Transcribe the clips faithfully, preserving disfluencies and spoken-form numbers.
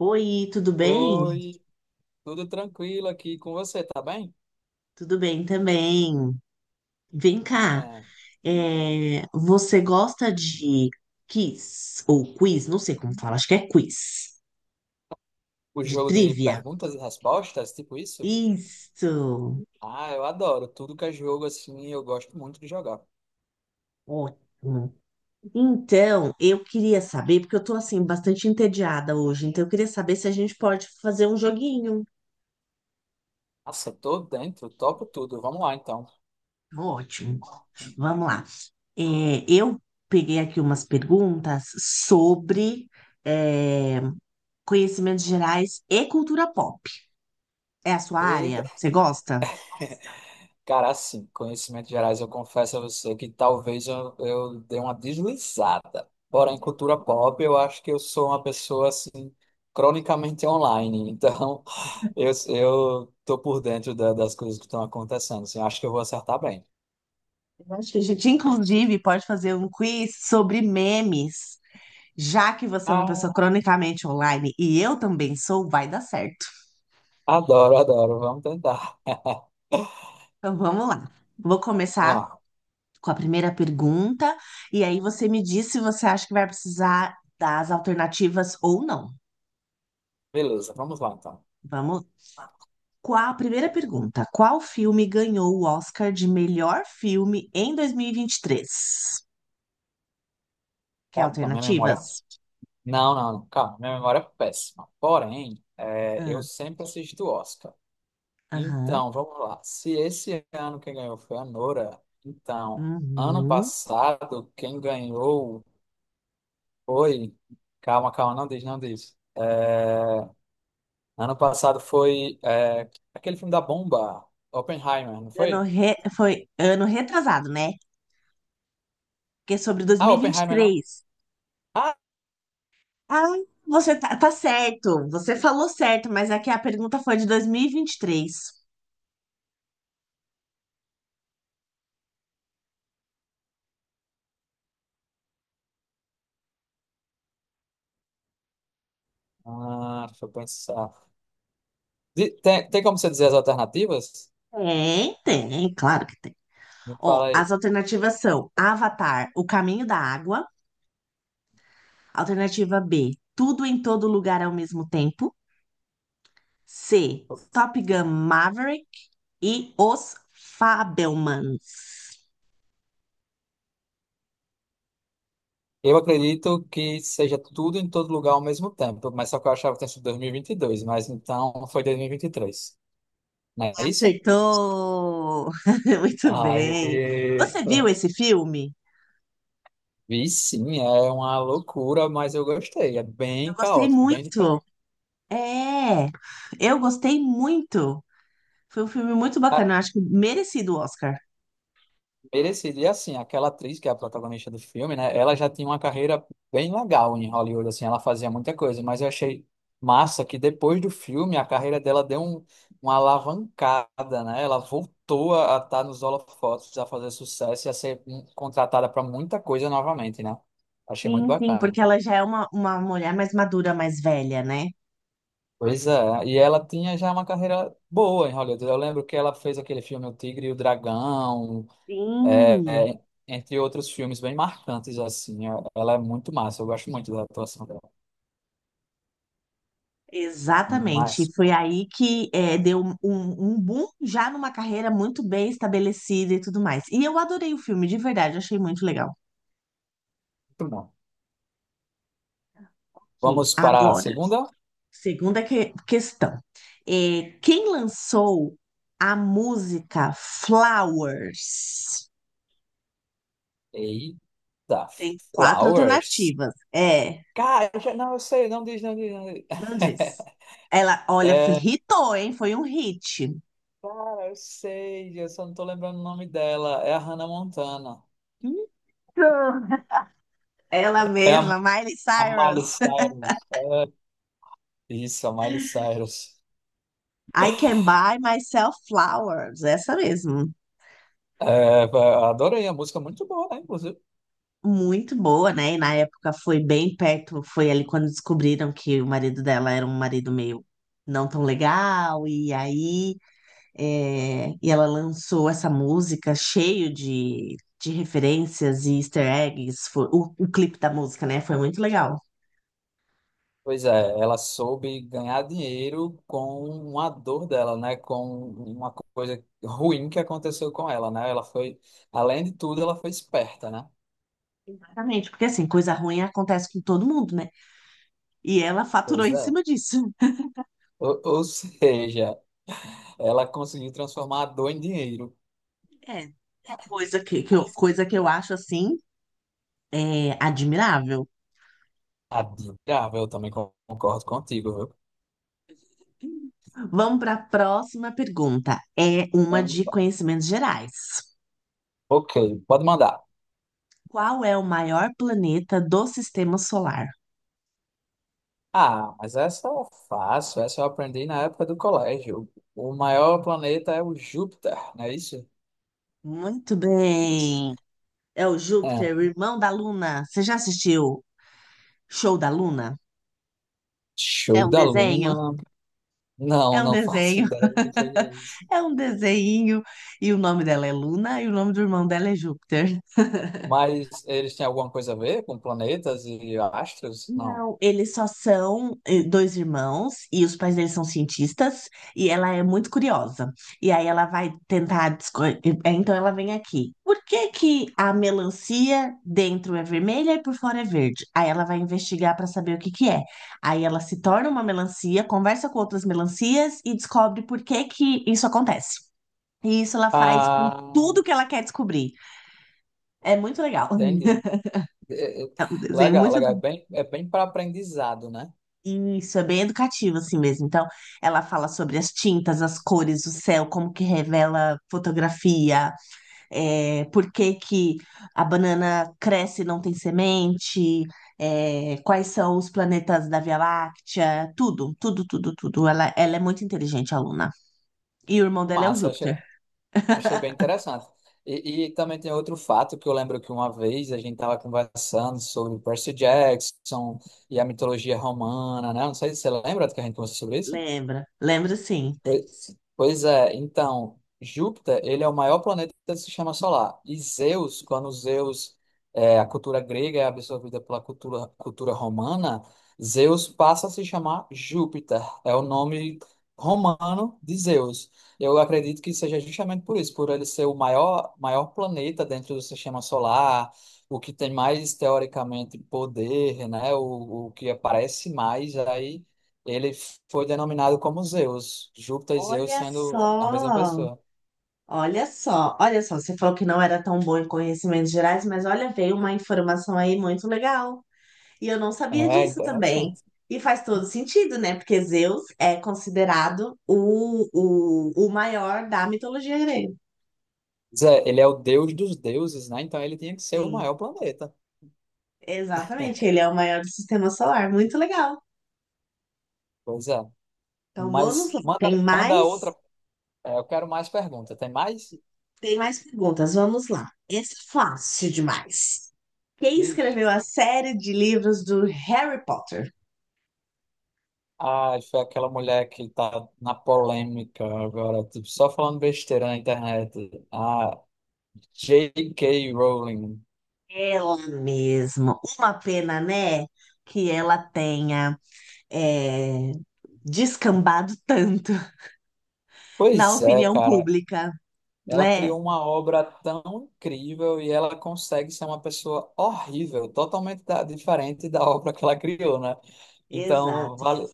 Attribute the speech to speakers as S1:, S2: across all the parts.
S1: Oi, tudo bem?
S2: Oi, tudo tranquilo aqui com você, tá bem?
S1: Tudo bem também. Vem cá,
S2: Ah,
S1: é, você gosta de quiz ou quiz? Não sei como fala, acho que é quiz,
S2: o
S1: de
S2: jogo de
S1: trivia.
S2: perguntas e respostas, tipo isso?
S1: Isso,
S2: Ah, eu adoro. Tudo que é jogo assim, eu gosto muito de jogar.
S1: ótimo. Então, eu queria saber, porque eu tô assim, bastante entediada hoje, então eu queria saber se a gente pode fazer um joguinho.
S2: Nossa, tô dentro, topo tudo. Vamos lá então.
S1: Ótimo, então, vamos lá. É, eu peguei aqui umas perguntas sobre. é, conhecimentos gerais e cultura pop. É a sua
S2: Eita.
S1: área? Você gosta?
S2: Cara, assim, conhecimentos gerais, eu confesso a você que talvez eu, eu dei uma deslizada. Porém, cultura pop, eu acho que eu sou uma pessoa assim, cronicamente online. Então, eu, eu tô por dentro da- das coisas que estão acontecendo. Assim, acho que eu vou acertar bem.
S1: Eu acho que a gente, inclusive, pode fazer um quiz sobre memes. Já que você é uma pessoa
S2: Ah,
S1: cronicamente online e eu também sou, vai dar certo.
S2: adoro, adoro. Vamos tentar.
S1: Então vamos lá. Vou começar
S2: Vamos lá.
S1: com a primeira pergunta e aí você me diz se você acha que vai precisar das alternativas ou não.
S2: Beleza, vamos lá então.
S1: Vamos. Qual a primeira pergunta? Qual filme ganhou o Oscar de melhor filme em dois mil e vinte e três? Quer
S2: Calma, então, minha memória.
S1: alternativas?
S2: Não, não, não. Calma, minha memória é péssima. Porém, é, eu
S1: Ah.
S2: sempre assisto o Oscar.
S1: Aham.
S2: Então, vamos lá. Se esse ano quem ganhou foi a Nora, então, ano
S1: Uhum.
S2: passado quem ganhou foi. Calma, calma, não diz, não diz. É, Ano passado foi é, aquele filme da bomba, Oppenheimer, não
S1: Ano
S2: foi?
S1: re- Foi ano retrasado, né? Porque é sobre dois
S2: Ah,
S1: mil e vinte e
S2: Oppenheimer não.
S1: três.
S2: Ah,
S1: Ah, você tá, tá certo. Você falou certo, mas aqui a pergunta foi de dois mil e e vinte e três.
S2: ah, deixa eu pensar. Di- Tem, tem como você dizer as alternativas?
S1: Tem, tem, claro que tem.
S2: Me
S1: Ó,
S2: fala aí.
S1: as alternativas são Avatar, O Caminho da Água. Alternativa B, Tudo em Todo Lugar ao Mesmo Tempo. C, Top Gun Maverick e Os Fabelmans.
S2: Eu acredito que seja tudo em todo lugar ao mesmo tempo, mas só que eu achava que tinha sido dois mil e e vinte e dois, mas então foi dois mil e vinte e três. Não é isso?
S1: Acertou. Muito bem.
S2: Aê!
S1: Você viu esse filme?
S2: Vi sim, é uma loucura, mas eu gostei. É
S1: Eu
S2: bem
S1: gostei
S2: caótico, bem diferente.
S1: muito. É, eu gostei muito. Foi um filme muito bacana. Eu acho que merecido o Oscar.
S2: Merecido. E assim, aquela atriz que é a protagonista do filme, né? Ela já tinha uma carreira bem legal em Hollywood, assim, ela fazia muita coisa, mas eu achei massa que depois do filme a carreira dela deu um- uma alavancada, né? Ela voltou a estar nos holofotes, a fazer sucesso e a ser hum, contratada para muita coisa novamente, né? Achei muito
S1: Sim, sim,
S2: bacana.
S1: porque ela já é uma, uma mulher mais madura, mais velha, né?
S2: Pois é, e ela tinha já uma carreira boa em Hollywood. Eu lembro que ela fez aquele filme O Tigre e o Dragão, É,
S1: Sim.
S2: entre outros filmes bem marcantes, assim. é- Ela é muito massa, eu gosto muito da atuação dela.
S1: Exatamente.
S2: Mas,
S1: Foi aí que é, deu um, um boom já numa carreira muito bem estabelecida e tudo mais. E eu adorei o filme, de verdade, achei muito legal.
S2: muito bom.
S1: Ok.
S2: Vamos para a
S1: Agora,
S2: segunda?
S1: segunda que- questão. É, quem lançou a música Flowers?
S2: Eita,
S1: Tem quatro
S2: Flowers.
S1: alternativas. É,
S2: Cara, eu já- não, eu sei, não diz, não diz, não diz.
S1: não diz. Ela, olha,
S2: É,
S1: hitou, hein? Foi um hit.
S2: eu sei, eu só não tô lembrando o nome dela. É a Hannah Montana.
S1: Hitou. Ela
S2: É a,
S1: mesma, Miley
S2: a Miley
S1: Cyrus.
S2: Cyrus. É, isso, a Miley Cyrus.
S1: I Can Buy Myself Flowers, essa mesmo.
S2: É, eu adorei a música, é muito boa, né, inclusive.
S1: Muito boa, né? E na época foi bem perto, foi ali quando descobriram que o marido dela era um marido meio não tão legal, e aí é, e ela lançou essa música cheio de, de referências e easter eggs. Foi, o, o clipe da música, né? Foi muito legal.
S2: Pois é, ela soube ganhar dinheiro com uma dor dela, né? Com uma coisa ruim que aconteceu com ela, né? Ela foi, além de tudo, ela foi esperta, né?
S1: Exatamente, porque assim, coisa ruim acontece com todo mundo, né? E ela faturou
S2: Pois
S1: em
S2: é.
S1: cima disso.
S2: Ou, ou seja, ela conseguiu transformar a dor em dinheiro.
S1: É. Coisa que, que eu, coisa que eu acho assim, é, admirável.
S2: Admirável, eu também con- concordo contigo, viu?
S1: Vamos para a próxima pergunta. É uma de
S2: Então,
S1: conhecimentos gerais.
S2: ok, pode mandar.
S1: Qual é o maior planeta do sistema solar?
S2: Ah, mas essa é fácil, essa eu aprendi na época do colégio. O maior planeta é o Júpiter, não é isso?
S1: Muito bem. É o Júpiter,
S2: É,
S1: o irmão da Luna. Você já assistiu Show da Luna? É
S2: show
S1: um
S2: da
S1: desenho?
S2: Luna. Não,
S1: É um
S2: não faço
S1: desenho.
S2: ideia do que seja isso.
S1: É um desenho, e o nome dela é Luna, e o nome do irmão dela é Júpiter.
S2: Mas eles têm alguma coisa a ver com planetas e astros? Não.
S1: Não, eles só são eh, dois irmãos, e os pais deles são cientistas, e ela é muito curiosa. E aí ela vai tentar. desco- eh, Então ela vem aqui. Por que que a melancia dentro é vermelha e por fora é verde? Aí ela vai investigar para saber o que que é. Aí ela se torna uma melancia, conversa com outras melancias e descobre por que que isso acontece. E isso ela faz com
S2: Ah,
S1: tudo que ela quer descobrir. É muito legal.
S2: entendi. É, é,
S1: É um desenho
S2: legal,
S1: muito.
S2: legal. É bem, é bem para aprendizado, né?
S1: Isso, é bem educativo, assim mesmo. Então, ela fala sobre as tintas, as cores, o céu, como que revela fotografia, é, por que que a banana cresce e não tem semente, é, quais são os planetas da Via Láctea, tudo, tudo, tudo, tudo. Ela, ela é muito inteligente, a aluna. E o irmão dela é o
S2: Massa, achei,
S1: Júpiter.
S2: achei bem interessante. E, e também tem outro fato que eu lembro que uma vez a gente estava conversando sobre Percy Jackson e a mitologia romana, né? Não sei se você lembra que a gente conversou sobre isso.
S1: Lembra, lembra sim.
S2: Pois pois é, então, Júpiter, ele é o maior planeta do sistema solar. E Zeus, quando Zeus, é, a cultura grega é absorvida pela cultura, cultura romana, Zeus passa a se chamar Júpiter. É o nome romano de Zeus. Eu acredito que seja justamente por isso, por ele ser o maior, maior planeta dentro do sistema solar, o que tem mais, teoricamente, poder, né? O, o que aparece mais aí. Ele foi denominado como Zeus, Júpiter e Zeus
S1: Olha
S2: sendo a mesma
S1: só!
S2: pessoa.
S1: Olha só, olha só, você falou que não era tão bom em conhecimentos gerais, mas olha, veio uma informação aí muito legal. E eu não sabia
S2: É
S1: disso também.
S2: interessante.
S1: E faz todo sentido, né? Porque Zeus é considerado o, o, o maior da mitologia grega.
S2: Pois é, ele é o deus dos deuses, né? Então ele tinha que ser o
S1: Sim,
S2: maior planeta.
S1: exatamente. Ele é o maior do sistema solar. Muito legal.
S2: Pois é.
S1: Então vamos
S2: Mas
S1: lá.
S2: manda,
S1: Tem
S2: manda outra.
S1: mais,
S2: É, eu quero mais perguntas. Tem mais?
S1: tem mais perguntas. Vamos lá. Essa é fácil demais. Quem
S2: Ixi.
S1: escreveu a série de livros do Harry Potter?
S2: Ah, foi aquela mulher que tá na polêmica agora, tipo, só falando besteira na internet. Ah, J K. Rowling.
S1: Ela mesmo. Uma pena, né? Que ela tenha é, descambado tanto na
S2: Pois é,
S1: opinião
S2: cara.
S1: pública,
S2: Ela
S1: né?
S2: criou uma obra tão incrível e ela consegue ser uma pessoa horrível, totalmente da- diferente da obra que ela criou, né? Então,
S1: Exato,
S2: vale,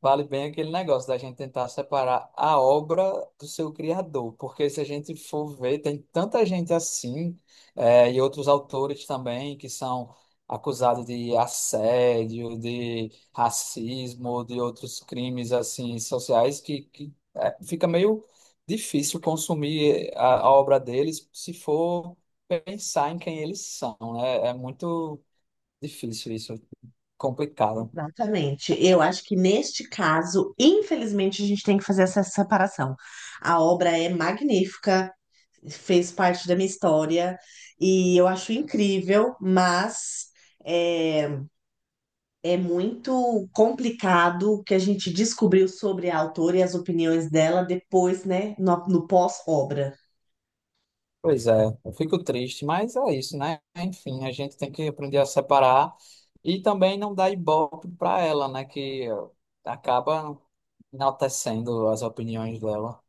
S2: vale bem aquele negócio da gente tentar separar a obra do seu criador, porque se a gente for ver, tem tanta gente assim, eh, e outros autores também que são acusados de assédio, de racismo, de outros crimes assim sociais, que, que eh, fica meio difícil consumir eh, a, a obra deles se for pensar em quem eles são, né? É muito difícil isso, complicado.
S1: exatamente. Eu acho que neste caso, infelizmente, a gente tem que fazer essa separação. A obra é magnífica, fez parte da minha história e eu acho incrível, mas. eh, É muito complicado o que a gente descobriu sobre a autora e as opiniões dela depois, né? No, no pós-obra.
S2: Pois é, eu fico triste, mas é isso, né? Enfim, a gente tem que aprender a separar e também não dar ibope para ela, né? Que acaba enaltecendo as opiniões dela.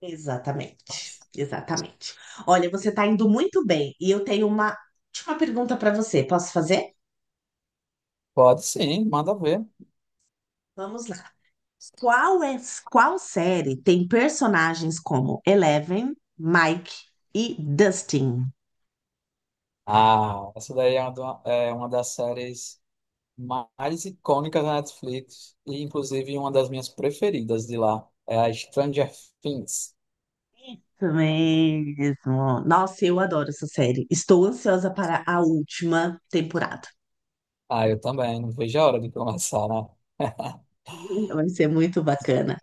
S1: Exatamente, exatamente. Olha, você está indo muito bem e eu tenho uma última pergunta para você. Posso fazer?
S2: Pode sim, manda ver.
S1: Vamos lá. Qual é, qual série tem personagens como Eleven, Mike e Dustin?
S2: Ah, essa daí é uma, do- é uma das séries mais icônicas da Netflix e, inclusive, uma das minhas preferidas de lá. É a Stranger Things.
S1: Isso mesmo. Nossa, eu adoro essa série. Estou ansiosa para a última temporada.
S2: Ah, eu também, não vejo a hora de começar, né?
S1: Vai ser muito bacana.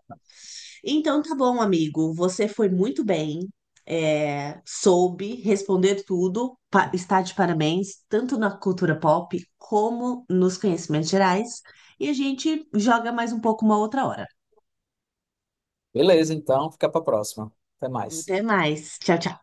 S1: Então, tá bom, amigo. Você foi muito bem. é, soube responder tudo. Pa- está de parabéns, tanto na cultura pop como nos conhecimentos gerais. E a gente joga mais um pouco uma outra hora.
S2: Beleza, então, fica para próxima. Até mais.
S1: Até mais. Tchau, tchau.